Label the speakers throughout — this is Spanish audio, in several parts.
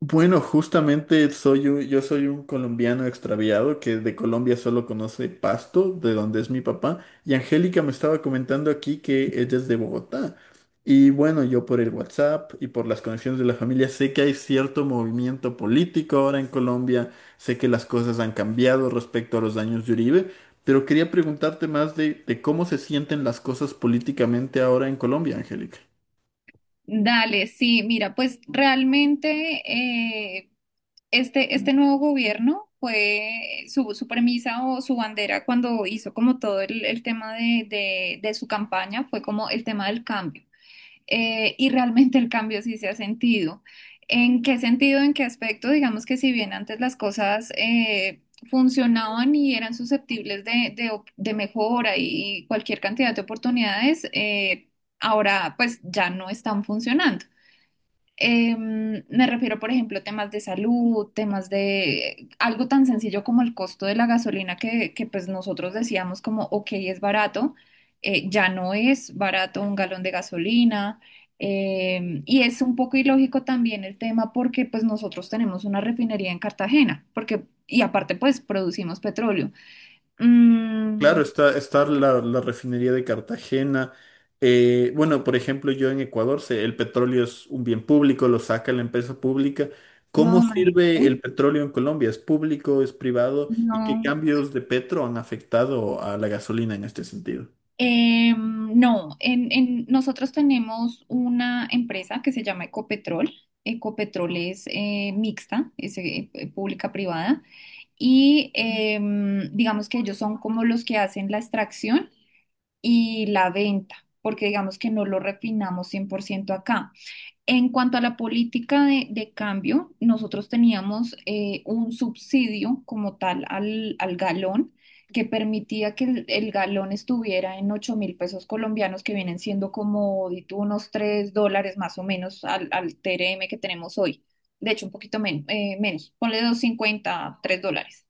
Speaker 1: Bueno, justamente yo soy un colombiano extraviado que de Colombia solo conoce Pasto, de donde es mi papá, y Angélica me estaba comentando aquí que ella es de Bogotá. Y bueno, yo por el WhatsApp y por las conexiones de la familia sé que hay cierto movimiento político ahora en Colombia, sé que las cosas han cambiado respecto a los años de Uribe, pero quería preguntarte más de cómo se sienten las cosas políticamente ahora en Colombia, Angélica.
Speaker 2: Dale, sí, mira, pues realmente eh, este nuevo gobierno fue su premisa o su bandera cuando hizo como todo el tema de su campaña fue como el tema del cambio. Y realmente el cambio sí se ha sentido. ¿En qué sentido, en qué aspecto? Digamos que si bien antes las cosas funcionaban y eran susceptibles de mejora y cualquier cantidad de oportunidades, ahora pues ya no están funcionando. Me refiero, por ejemplo, temas de salud, temas de algo tan sencillo como el costo de la gasolina que, pues nosotros decíamos como, ok, es barato, ya no es barato un galón de gasolina. Y es un poco ilógico también el tema porque pues nosotros tenemos una refinería en Cartagena, porque, y aparte pues producimos petróleo. Mm.
Speaker 1: Claro, está la refinería de Cartagena. Bueno, por ejemplo, yo en Ecuador sé, el petróleo es un bien público, lo saca la empresa pública. ¿Cómo
Speaker 2: No,
Speaker 1: sirve
Speaker 2: imagínate,
Speaker 1: el petróleo en Colombia? ¿Es público, es privado? ¿Y qué
Speaker 2: no.
Speaker 1: cambios de Petro han afectado a la gasolina en este sentido?
Speaker 2: No, nosotros tenemos una empresa que se llama Ecopetrol. Ecopetrol es mixta, es pública-privada, y digamos que ellos son como los que hacen la extracción y la venta, porque digamos que no lo refinamos 100% acá. En cuanto a la política de cambio, nosotros teníamos un subsidio como tal al galón que permitía que el galón estuviera en 8.000 pesos colombianos, que vienen siendo como di tú, unos 3 dólares más o menos al TRM que tenemos hoy. De hecho, un poquito menos, ponle 253 dólares.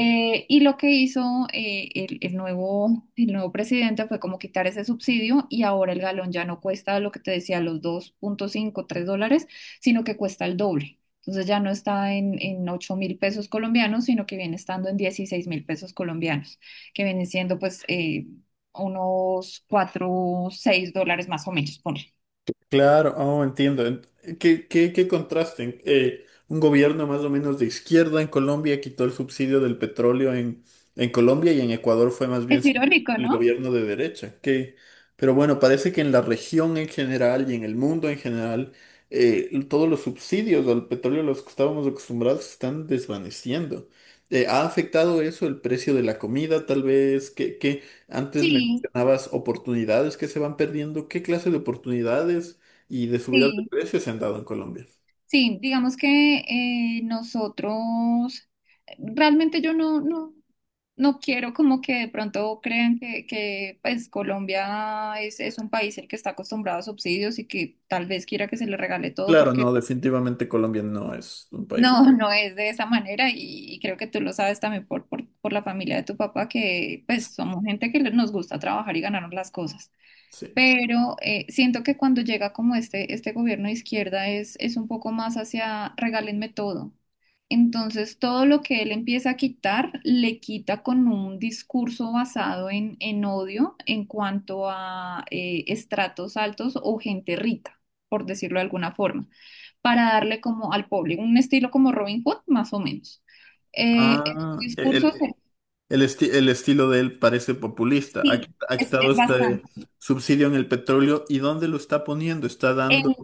Speaker 2: Y lo que hizo el nuevo presidente fue como quitar ese subsidio y ahora el galón ya no cuesta lo que te decía, los 2,53 dólares, sino que cuesta el doble. Entonces ya no está en, 8.000 pesos colombianos, sino que viene estando en 16.000 pesos colombianos, que vienen siendo pues unos 4 a 6 dólares más o menos, ponle.
Speaker 1: Claro, oh, entiendo. Qué contraste? Un gobierno más o menos de izquierda en Colombia quitó el subsidio del petróleo en Colombia, y en Ecuador fue más
Speaker 2: Es
Speaker 1: bien siempre
Speaker 2: irónico,
Speaker 1: el
Speaker 2: ¿no?
Speaker 1: gobierno de derecha. Que, pero bueno, parece que en la región en general y en el mundo en general, todos los subsidios al petróleo a los que estábamos acostumbrados se están desvaneciendo. ¿Ha afectado eso el precio de la comida, tal vez? Qué qué antes
Speaker 2: Sí,
Speaker 1: mencionabas oportunidades que se van perdiendo? ¿Qué clase de oportunidades y de subidas de
Speaker 2: sí.
Speaker 1: precios se han dado en Colombia?
Speaker 2: Sí, digamos que eh, nosotros, realmente yo no quiero como que de pronto crean que pues Colombia es un país el que está acostumbrado a subsidios y que tal vez quiera que se le regale todo
Speaker 1: Claro,
Speaker 2: porque
Speaker 1: no, definitivamente Colombia no es un país.
Speaker 2: no, no es de esa manera y creo que tú lo sabes también por la familia de tu papá que pues somos gente que nos gusta trabajar y ganarnos las cosas.
Speaker 1: Sí.
Speaker 2: Pero siento que cuando llega como este gobierno de izquierda es un poco más hacia regálenme todo. Entonces, todo lo que él empieza a quitar, le quita con un discurso basado en odio en cuanto a estratos altos o gente rica, por decirlo de alguna forma, para darle como al público un estilo como Robin Hood, más o menos. El
Speaker 1: Ah,
Speaker 2: discurso,
Speaker 1: el estilo de él parece populista.
Speaker 2: sí,
Speaker 1: Ha
Speaker 2: es,
Speaker 1: quitado
Speaker 2: es
Speaker 1: este
Speaker 2: bastante.
Speaker 1: subsidio en el petróleo. ¿Y dónde lo está poniendo? ¿Está
Speaker 2: En
Speaker 1: dando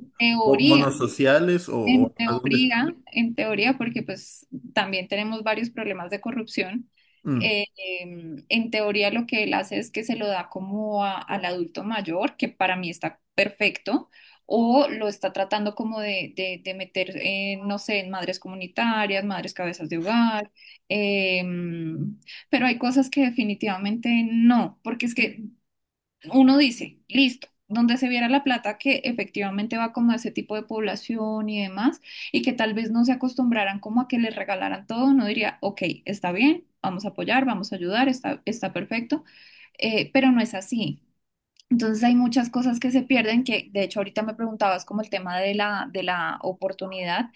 Speaker 2: teoría.
Speaker 1: bonos sociales,
Speaker 2: En
Speaker 1: o a dónde está?
Speaker 2: teoría, en teoría, porque pues también tenemos varios problemas de corrupción, eh, en teoría lo que él hace es que se lo da como al adulto mayor, que para mí está perfecto, o lo está tratando como de meter, no sé, en madres comunitarias, madres cabezas de hogar, em, pero hay cosas que definitivamente no, porque es que uno dice, listo, donde se viera la plata que efectivamente va como a ese tipo de población y demás, y que tal vez no se acostumbraran como a que les regalaran todo, uno diría, ok, está bien, vamos a apoyar, vamos a ayudar, está perfecto, pero no es así. Entonces hay muchas cosas que se pierden, que de hecho ahorita me preguntabas como el tema de la oportunidad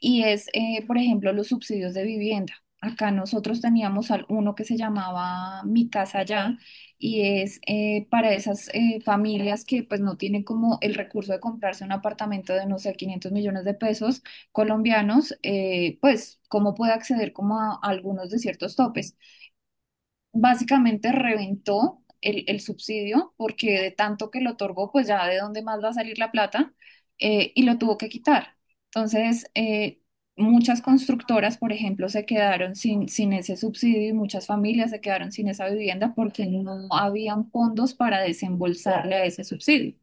Speaker 2: y por ejemplo, los subsidios de vivienda. Acá nosotros teníamos uno que se llamaba Mi Casa Ya y es para esas familias que pues no tienen como el recurso de comprarse un apartamento de no sé 500 millones de pesos colombianos, pues cómo puede acceder como a algunos de ciertos topes básicamente reventó el subsidio porque de tanto que lo otorgó, pues ya de dónde más va a salir la plata y lo tuvo que quitar. Entonces, muchas constructoras, por ejemplo, se quedaron sin ese subsidio y muchas familias se quedaron sin esa vivienda porque no habían fondos para desembolsarle a ese subsidio.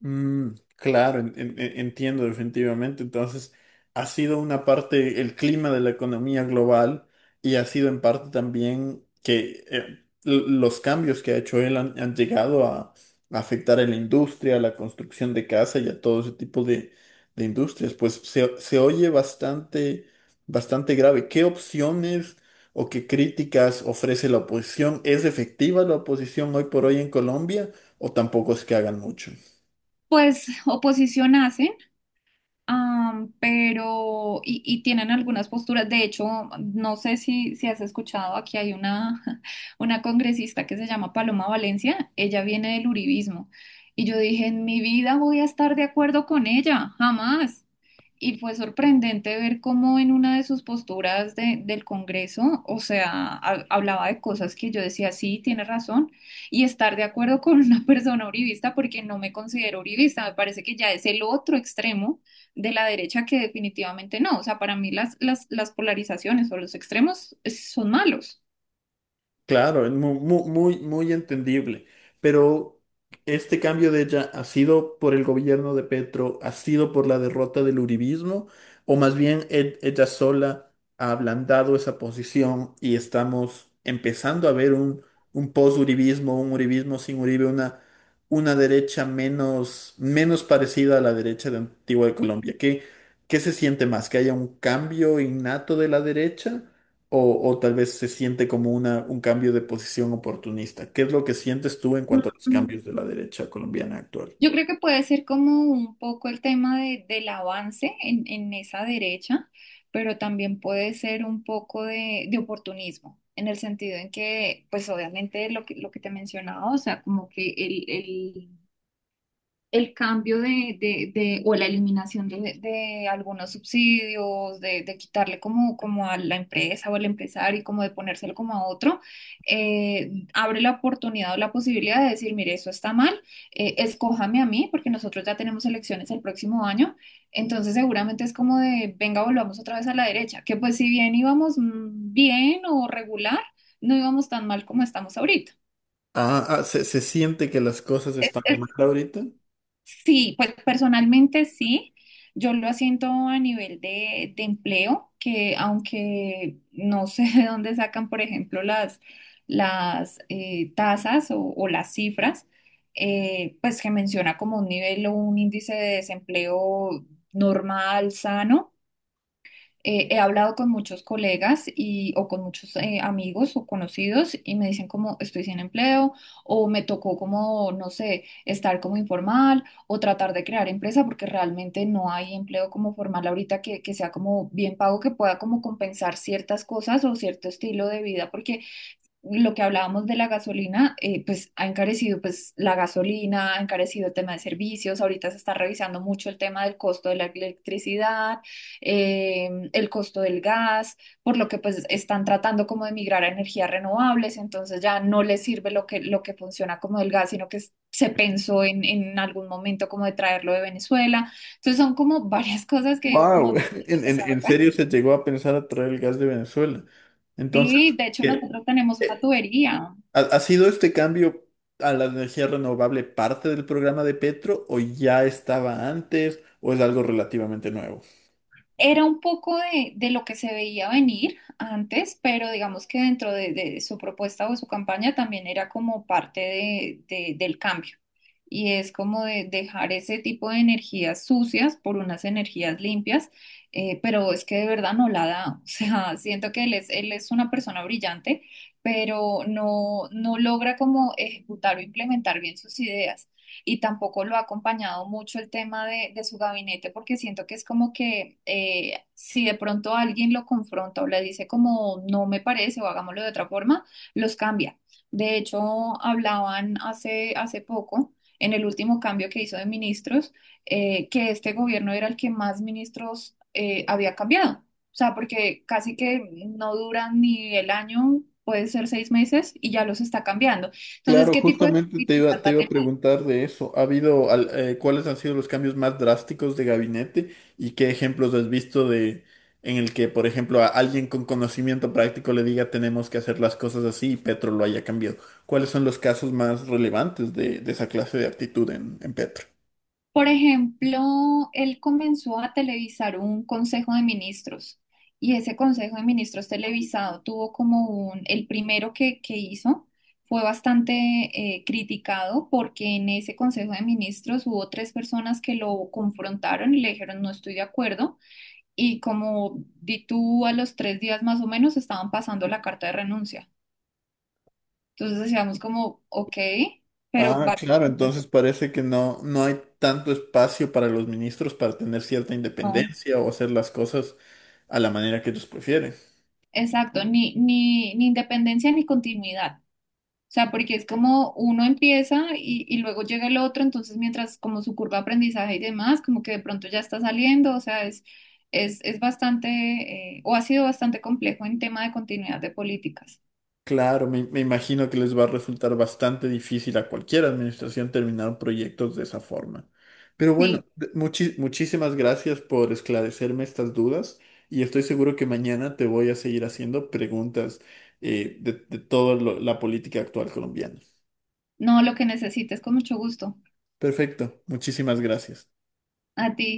Speaker 1: Mm, claro, entiendo definitivamente. Entonces, ha sido una parte el clima de la economía global, y ha sido en parte también que los cambios que ha hecho él han, han llegado a afectar a la industria, a la construcción de casa y a todo ese tipo de industrias. Pues se oye bastante grave. ¿Qué opciones o qué críticas ofrece la oposición? ¿Es efectiva la oposición hoy por hoy en Colombia, o tampoco es que hagan mucho?
Speaker 2: Pues oposición hace, pero, y tienen algunas posturas. De hecho, no sé si has escuchado, aquí hay una, una congresista que se llama Paloma Valencia, ella viene del uribismo. Y yo dije, en mi vida voy a estar de acuerdo con ella, jamás. Y fue sorprendente ver cómo en una de sus posturas del Congreso, o sea, hablaba de cosas que yo decía, sí, tiene razón, y estar de acuerdo con una persona uribista porque no me considero uribista, me parece que ya es el otro extremo de la derecha que definitivamente no, o sea, para mí las polarizaciones o los extremos son malos.
Speaker 1: Claro, es muy, muy entendible. Pero este cambio de ella ha sido por el gobierno de Petro, ha sido por la derrota del uribismo, o más bien ella sola ha ablandado esa posición, y estamos empezando a ver un post-uribismo, un uribismo sin Uribe, una derecha menos, menos parecida a la derecha de Antigua de Colombia. ¿Qué se siente más? ¿Que haya un cambio innato de la derecha? O tal vez se siente como un cambio de posición oportunista. ¿Qué es lo que sientes tú en cuanto a los cambios de la derecha colombiana actual?
Speaker 2: Yo creo que puede ser como un poco el tema del avance en esa derecha, pero también puede ser un poco de oportunismo, en el sentido en que, pues obviamente lo que te mencionaba, o sea, como que el cambio o la eliminación de algunos subsidios, de quitarle como a la empresa o al empresario y como de ponérselo como a otro, abre la oportunidad o la posibilidad de decir, mire, eso está mal, escójame a mí, porque nosotros ya tenemos elecciones el próximo año, entonces seguramente es como de, venga, volvamos otra vez a la derecha, que pues si bien íbamos bien o regular, no íbamos tan mal como estamos ahorita.
Speaker 1: Ah, ah, se siente que las cosas están mal ahorita.
Speaker 2: Sí, pues personalmente sí. Yo lo siento a nivel de empleo, que aunque no sé de dónde sacan, por ejemplo, las tasas o las cifras, pues que menciona como un nivel o un índice de desempleo normal, sano, he hablado con muchos colegas y, o con muchos amigos o conocidos y me dicen como estoy sin empleo o me tocó como, no sé, estar como informal o tratar de crear empresa porque realmente no hay empleo como formal ahorita que sea como bien pago, que pueda como compensar ciertas cosas o cierto estilo de vida porque lo que hablábamos de la gasolina, pues ha encarecido pues la gasolina, ha encarecido el tema de servicios, ahorita se está revisando mucho el tema del costo de la electricidad, el costo del gas, por lo que pues están tratando como de migrar a energías renovables, entonces ya no les sirve lo que funciona como el gas, sino que se pensó en algún momento como de traerlo de Venezuela. Entonces son como varias cosas que digo como
Speaker 1: Wow, en, en
Speaker 2: de-
Speaker 1: serio se llegó a pensar a traer el gas de Venezuela. Entonces,
Speaker 2: Sí, de hecho
Speaker 1: ¿qué?
Speaker 2: nosotros tenemos una
Speaker 1: Eh,
Speaker 2: tubería.
Speaker 1: ¿Ha, ha sido este cambio a la energía renovable parte del programa de Petro, o ya estaba antes, o es algo relativamente nuevo?
Speaker 2: Era un poco de lo que se veía venir antes, pero digamos que dentro de su propuesta o su campaña también era como parte del cambio. Y es como de dejar ese tipo de energías sucias por unas energías limpias, pero es que de verdad no la da. O sea, siento que él es una persona brillante, pero no, no logra como ejecutar o implementar bien sus ideas y tampoco lo ha acompañado mucho el tema de su gabinete porque siento que es como que si de pronto alguien lo confronta o le dice como no me parece o hagámoslo de otra forma, los cambia. De hecho, hablaban hace poco, en el último cambio que hizo de ministros, que este gobierno era el que más ministros había cambiado. O sea, porque casi que no duran ni el año, puede ser 6 meses, y ya los está cambiando. Entonces,
Speaker 1: Claro,
Speaker 2: ¿qué tipo de?
Speaker 1: justamente te iba a preguntar de eso. ¿Ha habido, cuáles han sido los cambios más drásticos de gabinete, y qué ejemplos has visto de en el que, por ejemplo, a alguien con conocimiento práctico le diga tenemos que hacer las cosas así y Petro lo haya cambiado? ¿Cuáles son los casos más relevantes de esa clase de actitud en Petro?
Speaker 2: Por ejemplo, él comenzó a televisar un consejo de ministros y ese consejo de ministros televisado tuvo el primero que hizo fue bastante criticado porque en ese consejo de ministros hubo tres personas que lo confrontaron y le dijeron no estoy de acuerdo y como di tú a los 3 días más o menos estaban pasando la carta de renuncia. Entonces decíamos como, ok, pero
Speaker 1: Ah, claro,
Speaker 2: básicamente...
Speaker 1: entonces parece que no, no hay tanto espacio para los ministros para tener cierta
Speaker 2: no".
Speaker 1: independencia o hacer las cosas a la manera que ellos prefieren.
Speaker 2: Exacto, ni independencia ni continuidad. O sea, porque es como uno empieza y luego llega el otro, entonces mientras como su curva de aprendizaje y demás, como que de pronto ya está saliendo, o sea, es bastante, o ha sido bastante complejo en tema de continuidad de políticas.
Speaker 1: Claro, me imagino que les va a resultar bastante difícil a cualquier administración terminar proyectos de esa forma. Pero
Speaker 2: Sí,
Speaker 1: bueno, muchísimas gracias por esclarecerme estas dudas, y estoy seguro que mañana te voy a seguir haciendo preguntas de toda la política actual colombiana.
Speaker 2: no, lo que necesites, con mucho gusto.
Speaker 1: Perfecto, muchísimas gracias.
Speaker 2: A ti.